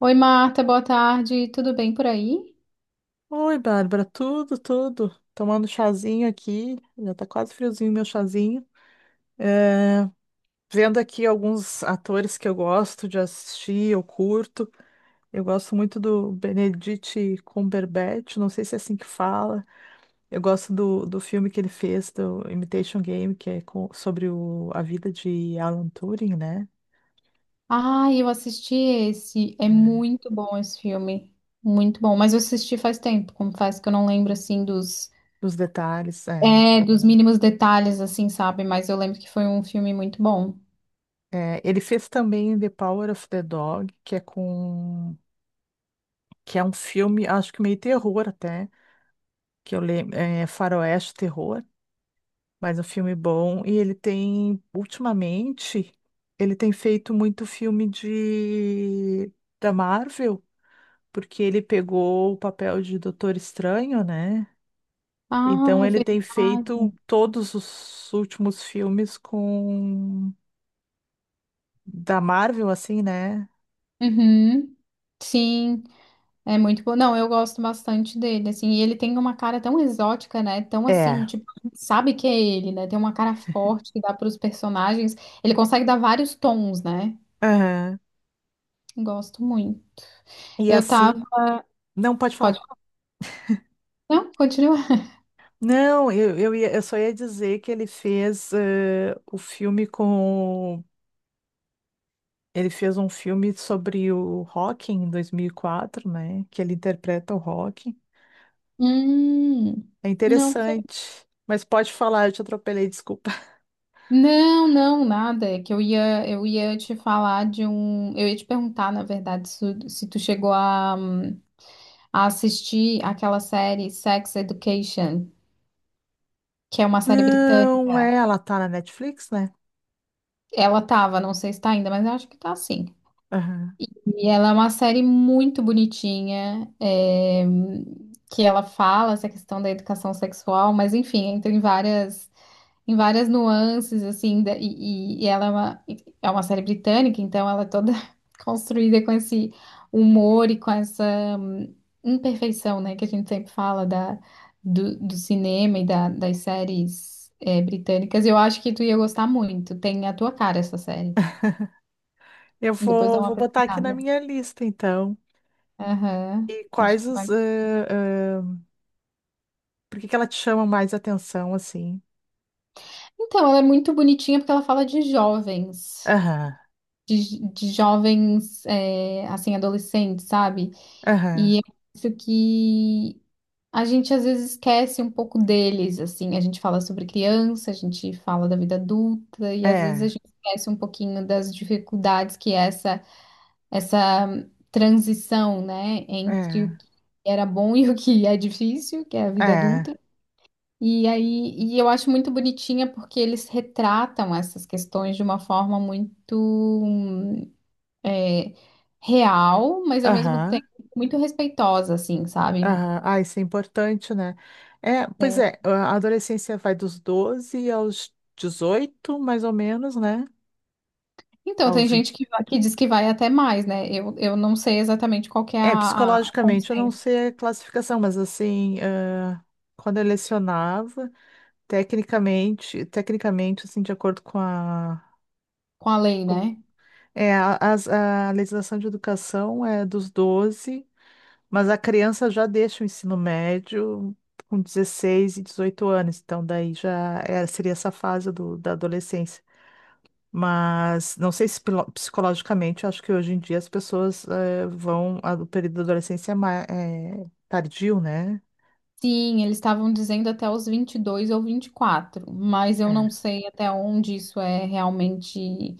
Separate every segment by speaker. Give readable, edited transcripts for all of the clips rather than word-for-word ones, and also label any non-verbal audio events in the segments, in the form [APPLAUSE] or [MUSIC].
Speaker 1: Oi, Marta, boa tarde. Tudo bem por aí?
Speaker 2: Oi, Bárbara, tudo, tudo. Tomando um chazinho aqui, já tá quase friozinho meu chazinho. É, vendo aqui alguns atores que eu gosto de assistir, eu curto. Eu gosto muito do Benedict Cumberbatch, não sei se é assim que fala. Eu gosto do filme que ele fez, do Imitation Game, que é sobre a vida de Alan Turing, né?
Speaker 1: Ah, eu assisti esse. É
Speaker 2: É,
Speaker 1: muito bom esse filme. Muito bom. Mas eu assisti faz tempo, confesso que eu não lembro assim dos,
Speaker 2: os detalhes, é.
Speaker 1: é, dos mínimos detalhes, assim, sabe? Mas eu lembro que foi um filme muito bom.
Speaker 2: É, ele fez também The Power of the Dog, que é um filme, acho que meio terror até, que eu lembro, é faroeste terror, mas um filme bom. E ele tem, ultimamente, ele tem feito muito filme de da Marvel, porque ele pegou o papel de Doutor Estranho, né? Então
Speaker 1: Ah, é
Speaker 2: ele tem feito
Speaker 1: verdade.
Speaker 2: todos os últimos filmes com da Marvel, assim, né?
Speaker 1: Uhum. Sim, é muito bom. Não, eu gosto bastante dele, assim, e ele tem uma cara tão exótica, né? Tão assim,
Speaker 2: É.
Speaker 1: tipo, sabe que é ele, né? Tem uma cara forte que dá para os personagens. Ele consegue dar vários tons, né?
Speaker 2: Aham.
Speaker 1: Gosto muito.
Speaker 2: E
Speaker 1: Eu tava.
Speaker 2: assim, não pode
Speaker 1: Pode.
Speaker 2: falar.
Speaker 1: Não, continua.
Speaker 2: Não, eu só ia dizer que ele fez o filme com. Ele fez um filme sobre o Rock em 2004, né? Que ele interpreta o Rock.
Speaker 1: Hum,
Speaker 2: É
Speaker 1: não sei.
Speaker 2: interessante. Mas pode falar, eu te atropelei, desculpa. [LAUGHS]
Speaker 1: Não, não, nada. É que eu ia te falar de um. Eu ia te perguntar, na verdade, se tu chegou a assistir aquela série Sex Education, que é uma série
Speaker 2: Não, é,
Speaker 1: britânica.
Speaker 2: ela tá na Netflix, né?
Speaker 1: Ela tava, não sei se tá ainda, mas eu acho que tá sim.
Speaker 2: Aham.
Speaker 1: E ela é uma série muito bonitinha, que ela fala essa questão da educação sexual, mas enfim, entra em várias nuances, assim, e ela é uma série britânica, então ela é toda [LAUGHS] construída com esse humor e com essa imperfeição, né, que a gente sempre fala do cinema e das séries britânicas. Eu acho que tu ia gostar muito, tem a tua cara essa série.
Speaker 2: Eu
Speaker 1: Depois dá
Speaker 2: vou,
Speaker 1: uma
Speaker 2: vou botar aqui na
Speaker 1: pesquisada.
Speaker 2: minha lista, então.
Speaker 1: Aham,
Speaker 2: E
Speaker 1: acho que
Speaker 2: quais
Speaker 1: tu
Speaker 2: os.
Speaker 1: vai.
Speaker 2: Por que que ela te chama mais atenção, assim?
Speaker 1: Então, ela é muito bonitinha porque ela fala de jovens,
Speaker 2: Aham,
Speaker 1: de jovens, assim, adolescentes, sabe?
Speaker 2: aham.
Speaker 1: E eu acho que a gente às vezes esquece um pouco deles, assim, a gente fala sobre criança, a gente fala da vida adulta, e às vezes a
Speaker 2: É,
Speaker 1: gente esquece um pouquinho das dificuldades que é essa transição, né, entre
Speaker 2: é,
Speaker 1: o que era bom e o que é difícil, que é a vida
Speaker 2: é.
Speaker 1: adulta. E aí, e eu acho muito bonitinha porque eles retratam essas questões de uma forma muito hum, é, real, mas ao mesmo tempo
Speaker 2: Aham.
Speaker 1: muito respeitosa, assim, sabe?
Speaker 2: Aham. Ah, isso é importante, né? É, pois
Speaker 1: É.
Speaker 2: é, a adolescência vai dos 12 aos 18, mais ou menos, né?
Speaker 1: Então, tem
Speaker 2: Aos 20.
Speaker 1: gente que diz que vai até mais, né? Eu não sei exatamente qual que é
Speaker 2: É,
Speaker 1: o
Speaker 2: psicologicamente, eu não
Speaker 1: consenso
Speaker 2: sei a classificação, mas assim, ah, quando eu lecionava, tecnicamente, tecnicamente, assim, de acordo
Speaker 1: com a lei,
Speaker 2: com-
Speaker 1: né?
Speaker 2: a legislação de educação é dos 12. Mas a criança já deixa o ensino médio com 16 e 18 anos, então daí já seria essa fase da adolescência. Mas não sei se psicologicamente, eu acho que hoje em dia as pessoas vão. O período da adolescência é tardio, né?
Speaker 1: Sim, eles estavam dizendo até os 22 ou 24, mas eu não
Speaker 2: É.
Speaker 1: sei até onde isso é realmente.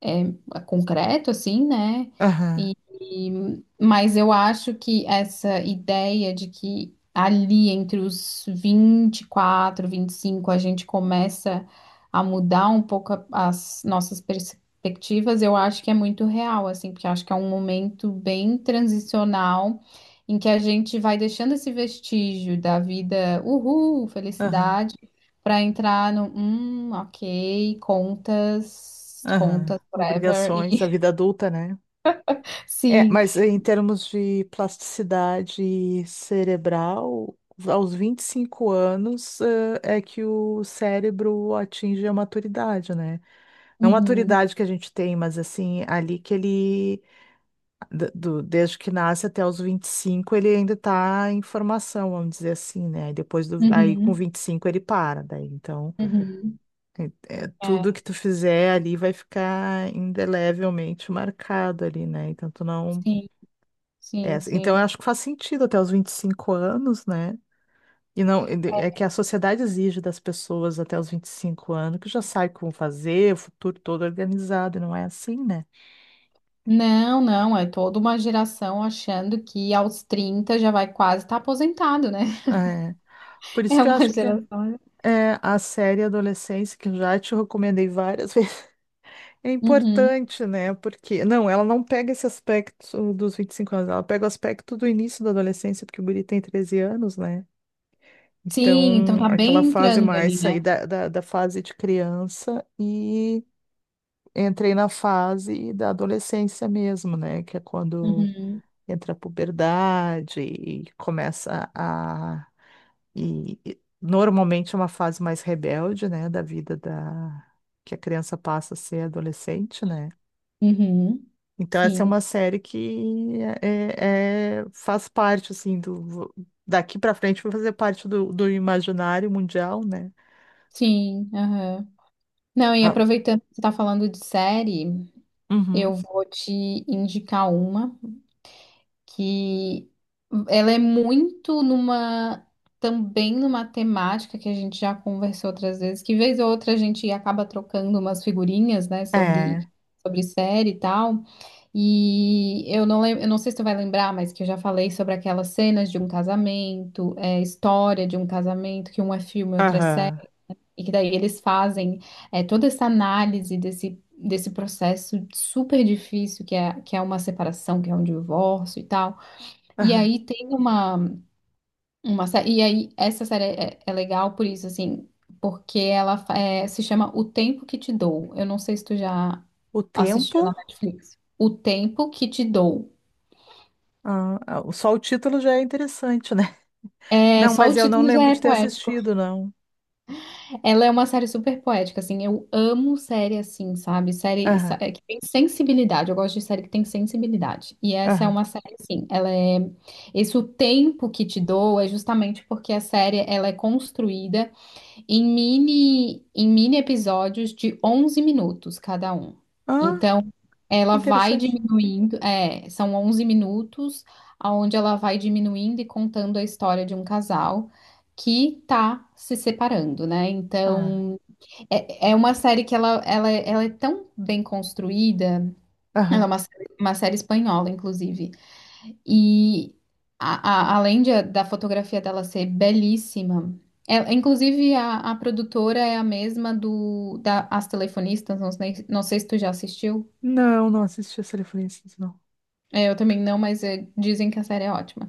Speaker 1: É concreto, assim, né?
Speaker 2: Aham,
Speaker 1: Mas eu acho que essa ideia de que ali entre os 20, 24, 25, a gente começa a mudar um pouco as nossas perspectivas. Eu acho que é muito real, assim, porque eu acho que é um momento bem transicional em que a gente vai deixando esse vestígio da vida, uhul,
Speaker 2: aham,
Speaker 1: felicidade, para entrar no, ok, contas.
Speaker 2: aham.
Speaker 1: Contas Ever
Speaker 2: Obrigações, a
Speaker 1: e
Speaker 2: vida adulta, né?
Speaker 1: [LAUGHS]
Speaker 2: É,
Speaker 1: sim.
Speaker 2: mas em termos de plasticidade cerebral, aos 25 anos, é que o cérebro atinge a maturidade, né? Não a
Speaker 1: Uhum,
Speaker 2: maturidade que a gente tem, mas assim, ali que ele, desde que nasce até os 25 ele ainda está em formação, vamos dizer assim, né? Aí com
Speaker 1: uhum,
Speaker 2: 25 ele para, daí então,
Speaker 1: uhum.
Speaker 2: é- tudo
Speaker 1: É,
Speaker 2: que tu fizer ali vai ficar indelevelmente marcado ali, né? Então tu não.
Speaker 1: sim,
Speaker 2: É,
Speaker 1: sim,
Speaker 2: então
Speaker 1: sim.
Speaker 2: eu acho que faz sentido até os 25 anos, né? E não, é que a sociedade exige das pessoas até os 25 anos que já sabe como fazer, o futuro todo organizado, e não é assim, né?
Speaker 1: Não, não, é toda uma geração achando que aos 30 já vai quase estar aposentado, né? [LAUGHS]
Speaker 2: É, por isso
Speaker 1: É
Speaker 2: que eu
Speaker 1: uma
Speaker 2: acho que é,
Speaker 1: geração.
Speaker 2: é a série Adolescência, que eu já te recomendei várias [LAUGHS] vezes, é
Speaker 1: Uhum.
Speaker 2: importante, né? Porque, não, ela não pega esse aspecto dos 25 anos, ela pega o aspecto do início da adolescência, porque o guri tem 13 anos, né?
Speaker 1: Sim, então
Speaker 2: Então,
Speaker 1: tá
Speaker 2: aquela
Speaker 1: bem
Speaker 2: fase
Speaker 1: entrando
Speaker 2: mais
Speaker 1: ali,
Speaker 2: sair
Speaker 1: né?
Speaker 2: da fase de criança e entrei na fase da adolescência mesmo, né? Que é quando
Speaker 1: Uhum,
Speaker 2: entra a puberdade e começa a. E normalmente é uma fase mais rebelde, né? Da vida da. Que a criança passa a ser adolescente, né?
Speaker 1: uhum.
Speaker 2: Então essa é
Speaker 1: Sim,
Speaker 2: uma série que faz parte, assim, do. Daqui pra frente vai fazer parte do imaginário mundial, né?
Speaker 1: sim, aham. Não, e
Speaker 2: Ah,
Speaker 1: aproveitando que você tá falando de série,
Speaker 2: uhum.
Speaker 1: eu vou te indicar uma que ela é muito numa também numa temática que a gente já conversou outras vezes, que vez ou outra a gente acaba trocando umas figurinhas, né, sobre
Speaker 2: É.
Speaker 1: sobre série e tal. E eu não lembro, eu não sei se tu vai lembrar, mas que eu já falei sobre aquelas cenas de um casamento, história de um casamento, que um é filme, outro é
Speaker 2: Aham.
Speaker 1: série, e que daí eles fazem toda essa análise desse processo super difícil que é uma separação, que é um divórcio e tal. E
Speaker 2: Aham.
Speaker 1: aí tem uma série, e aí essa série é legal por isso, assim, porque ela se chama O Tempo que Te Dou. Eu não sei se tu já
Speaker 2: O tempo.
Speaker 1: assistiu na Netflix. O Tempo que Te Dou.
Speaker 2: Ah, ah, só o título já é interessante, né? [LAUGHS]
Speaker 1: É,
Speaker 2: Não,
Speaker 1: só o
Speaker 2: mas eu não
Speaker 1: título já
Speaker 2: lembro
Speaker 1: é
Speaker 2: de ter
Speaker 1: poético.
Speaker 2: assistido, não.
Speaker 1: Ela é uma série super poética, assim, eu amo série assim, sabe? Série
Speaker 2: Aham,
Speaker 1: que tem sensibilidade, eu gosto de série que tem sensibilidade. E essa é
Speaker 2: aham.
Speaker 1: uma série, assim, ela é. Esse O Tempo que Te Dou é justamente porque a série, ela é construída em mini episódios de 11 minutos cada um.
Speaker 2: Ah,
Speaker 1: Então, ela vai
Speaker 2: interessante.
Speaker 1: diminuindo, são 11 minutos, onde ela vai diminuindo e contando a história de um casal que tá se separando, né?
Speaker 2: Ah,
Speaker 1: Então, é uma série que ela é tão bem construída, ela é
Speaker 2: aham.
Speaker 1: uma série espanhola, inclusive. E além da fotografia dela ser belíssima, inclusive a produtora é a mesma do da As Telefonistas, não sei se tu já assistiu.
Speaker 2: Não, não assisti a Telefonistas, não.
Speaker 1: É, eu também não, mas dizem que a série é ótima.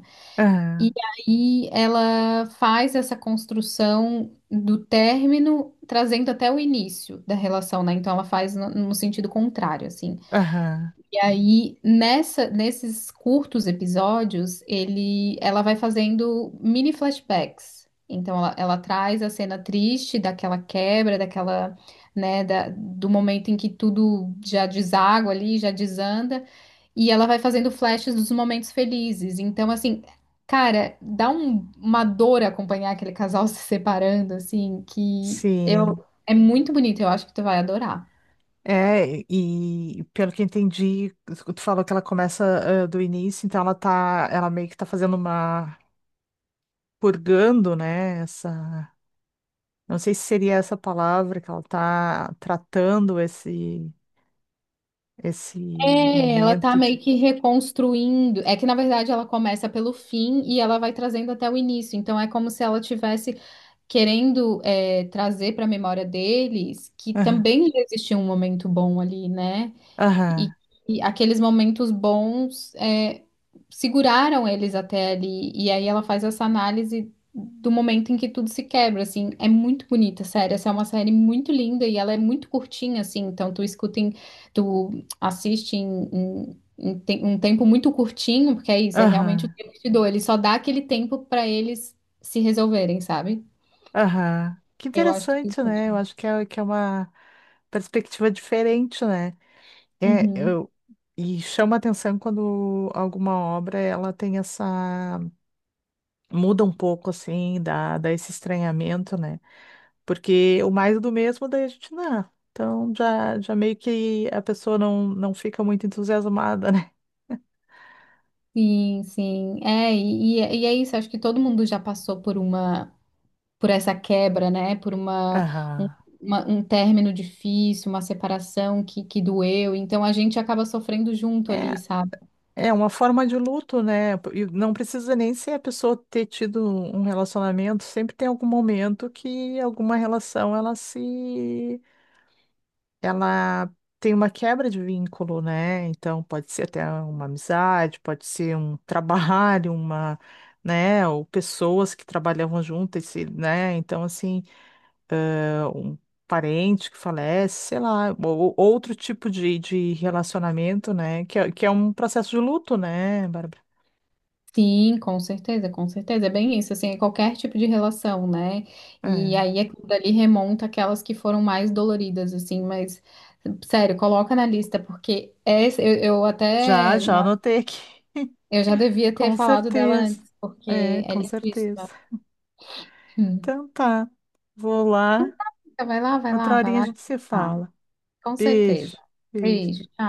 Speaker 1: E
Speaker 2: Aham,
Speaker 1: aí ela faz essa construção do término, trazendo até o início da relação, né? Então ela faz no sentido contrário, assim.
Speaker 2: aham.
Speaker 1: E aí, nessa, nesses curtos episódios, ele, ela vai fazendo mini flashbacks. Então, ela traz a cena triste daquela quebra, daquela, né, do momento em que tudo já deságua ali, já desanda. E ela vai fazendo flashes dos momentos felizes. Então, assim, cara, dá uma dor acompanhar aquele casal [LAUGHS] se separando, assim,
Speaker 2: Sim.
Speaker 1: é muito bonito. Eu acho que tu vai adorar.
Speaker 2: É, e pelo que entendi, tu falou que ela começa, ah, do início, então ela meio que tá fazendo uma, purgando, né, essa, não sei se seria essa palavra que ela tá tratando esse, esse
Speaker 1: É, ela tá
Speaker 2: momento de...
Speaker 1: meio que reconstruindo. É que na verdade ela começa pelo fim e ela vai trazendo até o início. Então é como se ela tivesse querendo trazer para a memória deles que também já existia um momento bom ali, né? E,
Speaker 2: Aham,
Speaker 1: e aqueles momentos bons seguraram eles até ali. E aí ela faz essa análise do momento em que tudo se quebra, assim. É muito bonita, sério. Essa é uma série muito linda e ela é muito curtinha, assim. Então tu escuta em, tu assiste um tempo muito curtinho, porque é isso, é realmente o
Speaker 2: aham,
Speaker 1: tempo que te dou. Ele só dá aquele tempo pra eles se resolverem, sabe?
Speaker 2: aham. Que
Speaker 1: Eu acho que
Speaker 2: interessante, né? Eu acho que é uma perspectiva diferente, né? É,
Speaker 1: Uhum.
Speaker 2: eu, e chama atenção quando alguma obra ela tem essa. Muda um pouco, assim, dá esse estranhamento, né? Porque o mais do mesmo, daí a gente não. Então já meio que a pessoa não fica muito entusiasmada, [LAUGHS] né?
Speaker 1: Sim, sim. É, e é isso, acho que todo mundo já passou por essa quebra, né? Por um,
Speaker 2: Aham.
Speaker 1: um término difícil, uma separação que doeu. Então a gente acaba sofrendo junto ali, sabe?
Speaker 2: É uma forma de luto, né? E não precisa nem ser a pessoa ter tido um relacionamento, sempre tem algum momento que alguma relação ela se ela tem uma quebra de vínculo, né? Então pode ser até uma amizade, pode ser um [LAUGHS] trabalho, uma, né, ou pessoas que trabalhavam juntas, né? Então assim, é um parente que falece, sei lá, ou outro tipo de relacionamento, né? Que é um processo de luto, né, Bárbara?
Speaker 1: Sim, com certeza, com certeza. É bem isso, assim, é qualquer tipo de relação, né? E
Speaker 2: É.
Speaker 1: aí aquilo dali remonta aquelas que foram mais doloridas, assim, mas sério, coloca na lista, porque essa, eu
Speaker 2: Já,
Speaker 1: até
Speaker 2: já
Speaker 1: na-
Speaker 2: anotei aqui. [LAUGHS]
Speaker 1: eu já devia ter
Speaker 2: Com
Speaker 1: falado dela
Speaker 2: certeza.
Speaker 1: antes, porque
Speaker 2: É,
Speaker 1: é
Speaker 2: com certeza.
Speaker 1: lindíssima. Hum.
Speaker 2: Então tá. Vou lá.
Speaker 1: Então, vai lá, vai
Speaker 2: Outra
Speaker 1: lá, vai
Speaker 2: horinha a
Speaker 1: lá.
Speaker 2: gente se
Speaker 1: Ah,
Speaker 2: fala.
Speaker 1: com certeza.
Speaker 2: Beijo. Beijo.
Speaker 1: Beijo, tchau.